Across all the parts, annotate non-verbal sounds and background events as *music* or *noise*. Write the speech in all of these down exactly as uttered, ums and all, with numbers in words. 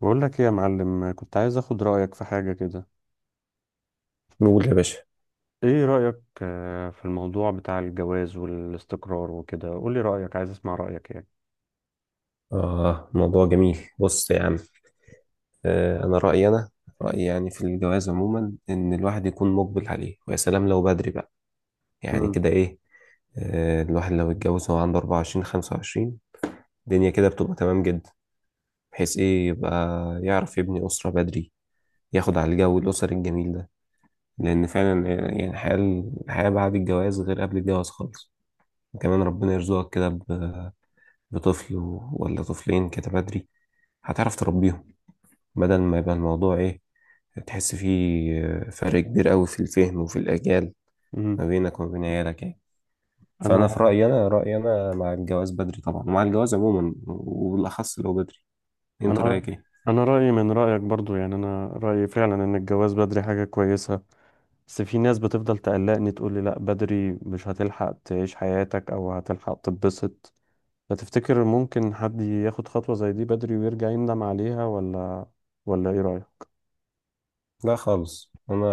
بقول لك ايه يا معلم، كنت عايز اخد رأيك في حاجة كده. نقول يا باشا. ايه رأيك آه، في الموضوع بتاع الجواز والاستقرار وكده، قول لي رأيك، عايز اسمع رأيك يعني. آه موضوع جميل، بص يا عم. آه أنا رأيي، أنا رأيي يعني في الجواز عموما إن الواحد يكون مقبل عليه، ويا سلام لو بدري بقى. يعني مم. كده إيه، آه الواحد لو اتجوز وهو عنده أربعة وعشرين خمسة وعشرين الدنيا كده بتبقى تمام جدا، بحيث إيه يبقى يعرف يبني أسرة بدري، ياخد على الجو الأسري الجميل ده. لأن فعلا آه، يعني الحياة، الحياة بعد الجواز غير قبل الجواز خالص. وكمان ربنا يرزقك كده ب- بطفل ولا طفلين كده بدري، هتعرف تربيهم. بدل ما يبقى الموضوع ايه، تحس فيه آه، فرق كبير قوي في الفهم وفي الأجيال، امم. ما بينك وما بين عيالك يعني. انا فأنا في رأيي، أنا رأيي أنا مع الجواز بدري طبعا، ومع الجواز عموما وبالأخص لو بدري. أنت انا رأيك ايه؟ انا رأيي من رأيك برضو، يعني انا رأيي فعلا ان الجواز بدري حاجة كويسة. بس في ناس بتفضل تقلقني تقول لي لا بدري مش هتلحق تعيش حياتك او هتلحق تتبسط. فتفتكر ممكن حد ياخد خطوة زي دي بدري ويرجع يندم عليها ولا ولا ايه رأيك؟ لا خالص. أنا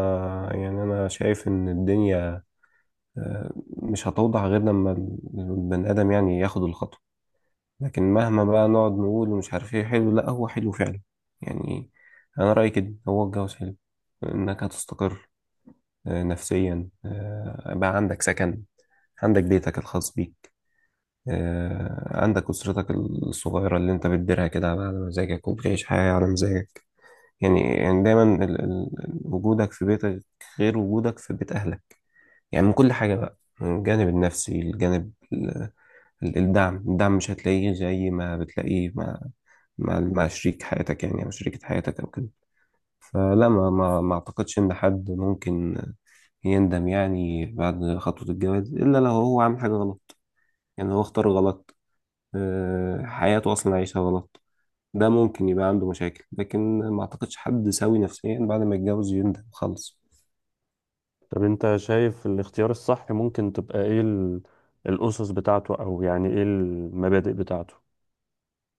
يعني أنا شايف إن الدنيا آه، مش هتوضح غير لما البني آدم يعني ياخد الخطوة. لكن مهما بقى نقعد نقول ومش عارف ايه حلو، لا هو حلو فعلا يعني. أنا رأيي كده هو الجواز حلو، إنك هتستقر آه، نفسيا، آه، بقى عندك سكن، عندك بيتك الخاص بيك، آه، عندك أسرتك الصغيرة اللي أنت بتديرها كده على مزاجك، وبتعيش حياة على مزاجك. يعني يعني دايما ال- ال- ال- وجودك في بيتك غير وجودك في بيت أهلك. يعني من كل حاجة بقى، من الجانب النفسي، الجانب ال- ال- الدعم الدعم مش هتلاقيه زي ما بتلاقيه مع مع مع شريك حياتك يعني، أو شريكة حياتك أو كده. فلا ما ما ما أعتقدش إن حد ممكن يندم يعني بعد خطوة الجواز، إلا لو هو عامل حاجة غلط، يعني هو اختار غلط، آه، حياته أصلا عايشها غلط. ده ممكن يبقى عنده مشاكل، لكن ما أعتقدش حد سوي نفسيا بعد ما يتجوز يندم خالص. طب انت شايف الاختيار الصح ممكن تبقى ايه ال- الأسس بتاعته، او يعني ايه المبادئ بتاعته؟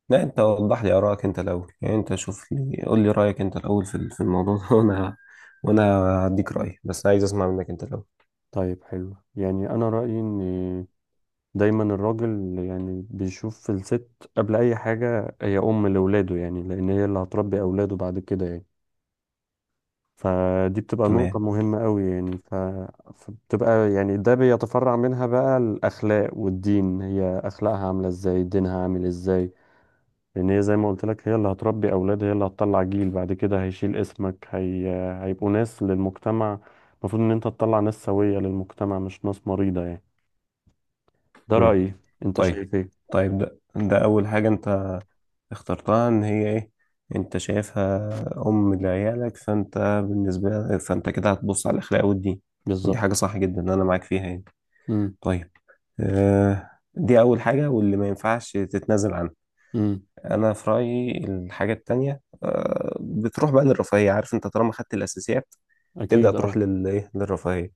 لا، أنت وضح لي آرائك أنت الأول يعني، أنت شوف لي، قول لي رأيك أنت الأول في في الموضوع ده *laughs* وأنا وأنا هديك رأيي، بس عايز أسمع منك أنت الأول. طيب حلو. يعني انا رأيي ان دايما الراجل يعني بيشوف الست قبل اي حاجة هي ام لولاده، يعني لان هي اللي هتربي اولاده بعد كده يعني. فدي بتبقى تمام. نقطة مهمة قوي يعني ف... فبتبقى يعني ده بيتفرع منها بقى الأخلاق والدين، هي أخلاقها عاملة ازاي، دينها عامل ازاي. لان هي زي ما قلت لك هي اللي هتربي اولاد، هي اللي هتطلع جيل بعد كده هيشيل اسمك، هي... هيبقوا ناس للمجتمع. المفروض ان انت تطلع ناس سوية للمجتمع مش ناس مريضة يعني. ده مم. رأيي، انت طيب، شايف ايه؟ طيب ده ده أول حاجة أنت اخترتها، ان هي ايه، انت شايفها ام لعيالك، فانت بالنسبه لك فانت كده هتبص على الاخلاق والدين. ودي بالظبط. حاجه صح جدا، انا معاك فيها يعني. امم. طيب. آه دي اول حاجه واللي ما ينفعش تتنازل عنها. امم. انا في رايي الحاجه التانية آه بتروح بقى للرفاهيه. عارف انت طالما خدت الاساسيات تبدا اكيد تروح اه. لل ايه للرفاهيه.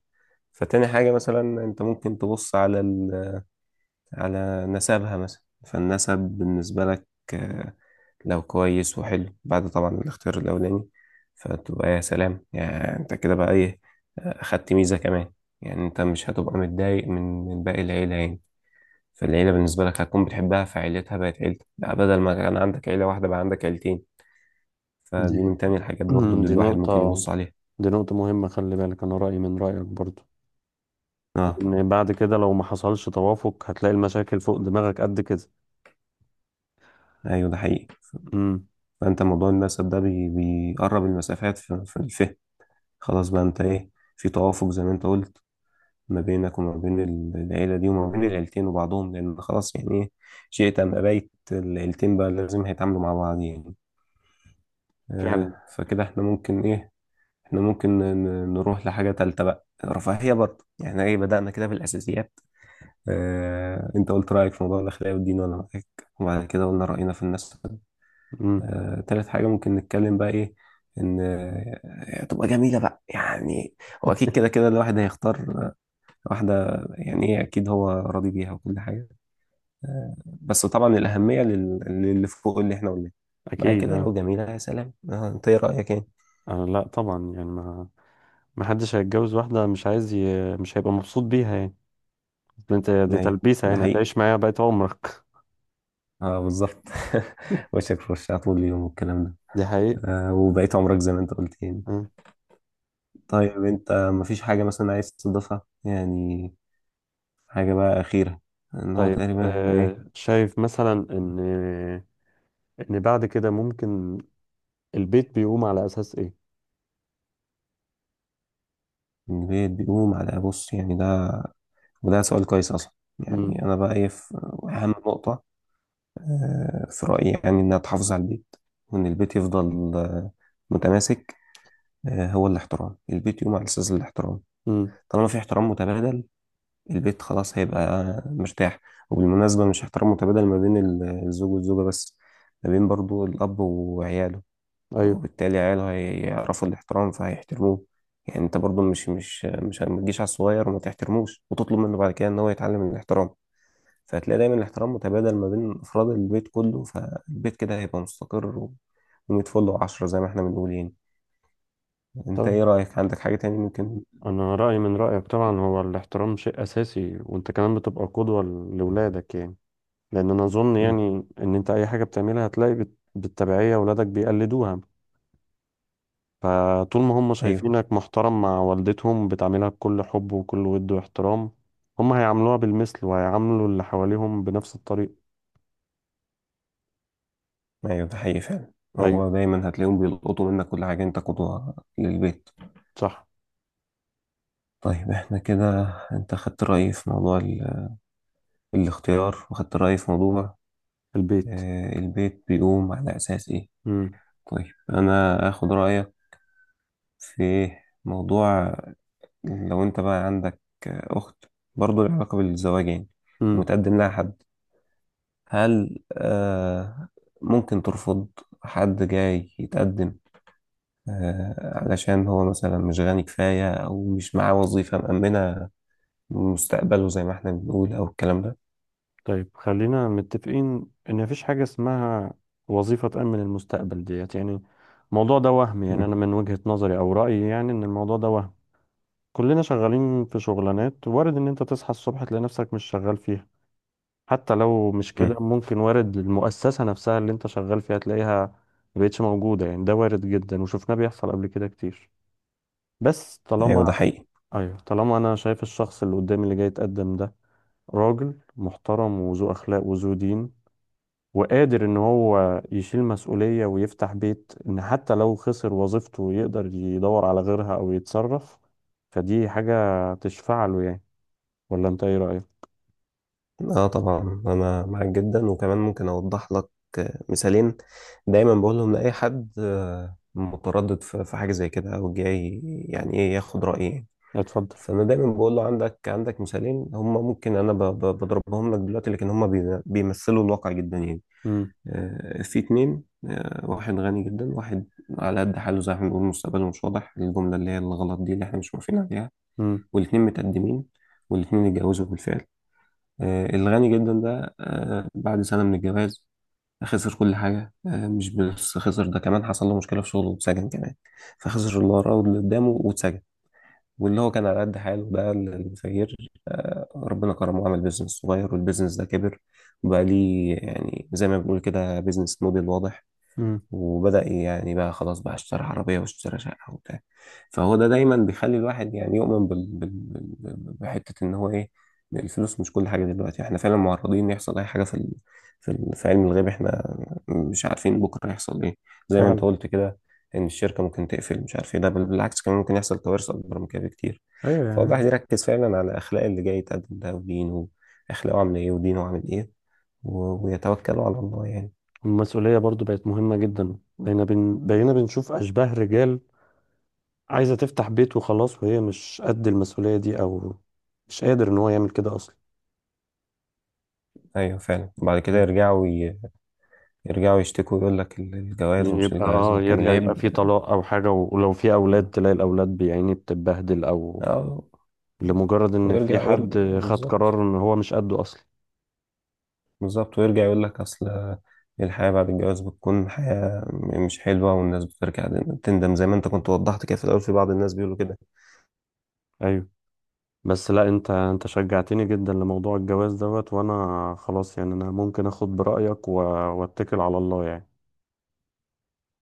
فتاني حاجه مثلا انت ممكن تبص على ال... على نسبها مثلا. فالنسب بالنسبه لك آه، لو كويس وحلو بعد طبعا الاختيار الأولاني، فتبقى يا سلام يعني. أنت كده بقى إيه، أخدت ميزة كمان. يعني أنت مش هتبقى متضايق من من باقي العيلة يعني. فالعيلة بالنسبة لك هتكون بتحبها، فعيلتها بقت عيلتك بقى، بدل ما كان عندك عيلة واحدة بقى عندك عيلتين. دي فدي من تاني الحاجات برضو *clears throat* اللي دي الواحد نقطة، ممكن يبص عليها. دي نقطة مهمة، خلي بالك انا رأيي من رأيك برضو. اه لان بعد كده لو ما حصلش توافق هتلاقي المشاكل فوق دماغك قد كده. أيوه ده حقيقي. امم. فأنت موضوع النسب ده بي- بيقرب المسافات في في الفهم. خلاص بقى أنت إيه، في توافق زي ما أنت قلت ما بينك وما بين العيلة دي، وما بين العيلتين وبعضهم. لأن خلاص يعني إيه، شئت أم أبيت العيلتين بقى لازم هيتعاملوا مع بعض يعني. فعلا. آه فكده إحنا ممكن إيه، إحنا ممكن ن- نروح لحاجة تالتة بقى، رفاهية برضه يعني إيه، بدأنا كده بالأساسيات. آه أنت قلت رأيك في موضوع الأخلاق والدين وأنا معاك، وبعد كده قلنا رأينا في الناس. امم. آه تالت حاجة ممكن نتكلم بقى إيه، إن آه، تبقى جميلة بقى يعني. هو أكيد كده كده الواحد هيختار واحدة يعني إيه أكيد هو راضي بيها وكل حاجة آه، بس طبعا الأهمية لل- للي فوق اللي إحنا قلناه. بعد اكيد كده اه. لو جميلة يا سلام آه، أنت إيه رأيك يعني؟ آه، لا طبعا، يعني ما، محدش هيتجوز واحدة مش عايز ي... مش هيبقى مبسوط بيها يعني. أصل انت دي أيوه تلبيسة ده يعني، حقيقي. هتعيش معاها بقية عمرك. أه بالظبط *laughs* *laughs* وشك في وشها طول اليوم والكلام ده. دي حقيقة. آه، وبقيت عمرك زي ما أنت قلت يعني. آه. طيب أنت مفيش حاجة مثلا عايز تضيفها يعني، حاجة بقى أخيرة، إن هو طيب تقريبا إحنا إيه، آه، شايف مثلا ان ان بعد كده ممكن البيت بيقوم على اساس ايه؟ البيت بيقوم على. بص يعني ده وده سؤال كويس أصلا. امم. يعني أنا بقى إيه في أهم نقطة آه، في رأيي يعني إنها تحافظ على البيت، وإن البيت يفضل آه، متماسك. آه، هو الاحترام، البيت يقوم على أساس الاحترام. امم. طالما في احترام متبادل، البيت خلاص هيبقى مرتاح. وبالمناسبة مش احترام متبادل ما بين ال- الزوج والزوجة بس، ما بين برضو الأب وعياله. ايوه. وبالتالي عياله هيعرفوا الاحترام فهيحترموه. يعني انت برضو مش مش مش ما تجيش على الصغير وما تحترموش وتطلب منه بعد كده ان هو يتعلم الاحترام. فهتلاقي دايما الاحترام متبادل ما بين أفراد البيت كله، فالبيت كده هيبقى مستقر و... ومية فل وعشرة زي ما احنا بنقول يعني. انت طيب ايه رأيك، عندك حاجة تاني ممكن؟ انا رأيي من رأيك طبعا، هو الاحترام شيء اساسي، وانت كمان بتبقى قدوة لاولادك يعني. لان انا اظن مم. يعني ان انت اي حاجة بتعملها هتلاقي بت... بالتبعية اولادك بيقلدوها. فطول ما هم ايوه. شايفينك محترم مع والدتهم، بتعاملها بكل حب وكل ود واحترام، هم هيعاملوها بالمثل وهيعاملوا اللي حواليهم بنفس الطريقة. ايوه ده حقيقي فعلا. هو أيوة. دايما هتلاقيهم بيلقطوا منك كل حاجة، انت قدوة للبيت. صح. طيب احنا كده، انت خدت رأيي في موضوع ال... الاختيار، وخدت رأيي في موضوع البيت. آه، البيت بيقوم على أساس ايه. مم. طيب انا اخد رأيك في موضوع، لو انت بقى عندك اخت، برضو لها علاقة بالزواج يعني، مم. ومتقدم لها حد، هل آه ممكن ترفض حد جاي يتقدم، آه علشان هو مثلا مش غني كفاية او مش معاه وظيفة مأمنة مستقبله زي ما احنا بنقول، او الكلام ده. طيب خلينا متفقين إن مفيش حاجة اسمها وظيفة تأمن المستقبل ديت يعني. الموضوع ده وهم، يعني أنا مم. من وجهة نظري أو رأيي يعني إن الموضوع ده وهم. كلنا شغالين في شغلانات، وارد إن أنت تصحى الصبح تلاقي نفسك مش شغال فيها. حتى لو مش مم. كده ممكن وارد المؤسسة نفسها اللي انت شغال فيها تلاقيها مبقتش موجودة، يعني ده وارد جدا وشفناه بيحصل قبل كده كتير. بس ايوه ده طالما، حقيقي. ايوه، طالما انا شايف الشخص اللي قدامي اللي جاي يتقدم ده راجل محترم وذو اخلاق وذو دين، وقادر ان هو يشيل مسؤولية ويفتح بيت، ان حتى لو خسر وظيفته يقدر يدور على غيرها او يتصرف، فدي حاجة تشفع له يعني. ولا انت ايه رأيك؟ اه طبعا انا معاك جدا. وكمان ممكن اوضح لك آه، مثالين دايما بقولهم لأي حد آه، متردد في في حاجة زي كده، او جاي يعني ايه ياخد رأيي. اتفضل. فانا دايما بقول له عندك، عندك مثالين هم، ممكن انا ب- ب- بضربهم لك دلوقتي، لكن هم بي- بيمثلوا الواقع جدا يعني. امم. آه، في اتنين آه، واحد غني جدا، واحد على قد حاله زي ما بنقول مستقبله مش واضح، الجملة اللي هي الغلط دي اللي احنا مش موافقين عليها. امم. والاتنين متقدمين، والاتنين اتجوزوا بالفعل. آه، الغني جدا ده آه، بعد سنة من الجواز خسر كل حاجة. آه، مش بس خسر ده، كمان حصل له مشكلة في شغله واتسجن كمان. فخسر اللي وراه واللي قدامه واتسجن. واللي هو كان على قد حاله ده، الفقير آه، ربنا كرمه وعمل بيزنس صغير، والبيزنس ده كبر وبقى ليه يعني زي ما بنقول كده بيزنس موديل واضح. امم. وبدأ يعني بقى خلاص بقى اشترى عربية واشترى شقة وبتاع. فهو ده دايما بيخلي الواحد يعني يؤمن بال... بال... بال... بحتة ان هو ايه، إن الفلوس مش كل حاجة. دلوقتي احنا فعلا معرضين إن يحصل اي حاجة في ال... في ال... في علم الغيب، احنا مش عارفين بكرة هيحصل ايه، زي ما انت فعلا. قلت كده، ان الشركة ممكن تقفل مش عارف ايه ده، بل بالعكس كمان ممكن يحصل كوارث اكبر من كده بكتير. ايوه يعني. فالواحد يركز فعلا على اخلاق اللي جاي يتقدم ده ودينه، اخلاقه عامل ايه ودينه عامل ايه، و... ويتوكلوا على الله يعني. المسؤولية برضو بقت مهمة جدا، بقينا بن... بقينا بنشوف أشباه رجال عايزة تفتح بيت وخلاص وهي مش قد المسؤولية دي، أو مش قادر إن هو يعمل كده أصلا. ايوه فعلا بعد كده يرجعوا يرجعوا يشتكوا يقول لك ال- الجواز يعني ومش يبقى الجواز، اه لكن يرجع يبقى العيب. في طلاق أو حاجة، و- ولو في أولاد تلاقي الأولاد يعني بتتبهدل، أو اه لمجرد إن في ويرجع ويرجع. حد خد بالظبط قرار إن هو مش قده أصلا. بالظبط ويرجع يقول لك اصل الحياة بعد الجواز بتكون حياة مش حلوة، والناس بترجع تندم زي ما انت كنت وضحت كده في الأول في بعض الناس بيقولوا كده. أيوه. بس لا، أنت أنت شجعتني جدا لموضوع الجواز دوت، وأنا خلاص يعني أنا ممكن أخد برأيك و... وأتكل على الله يعني.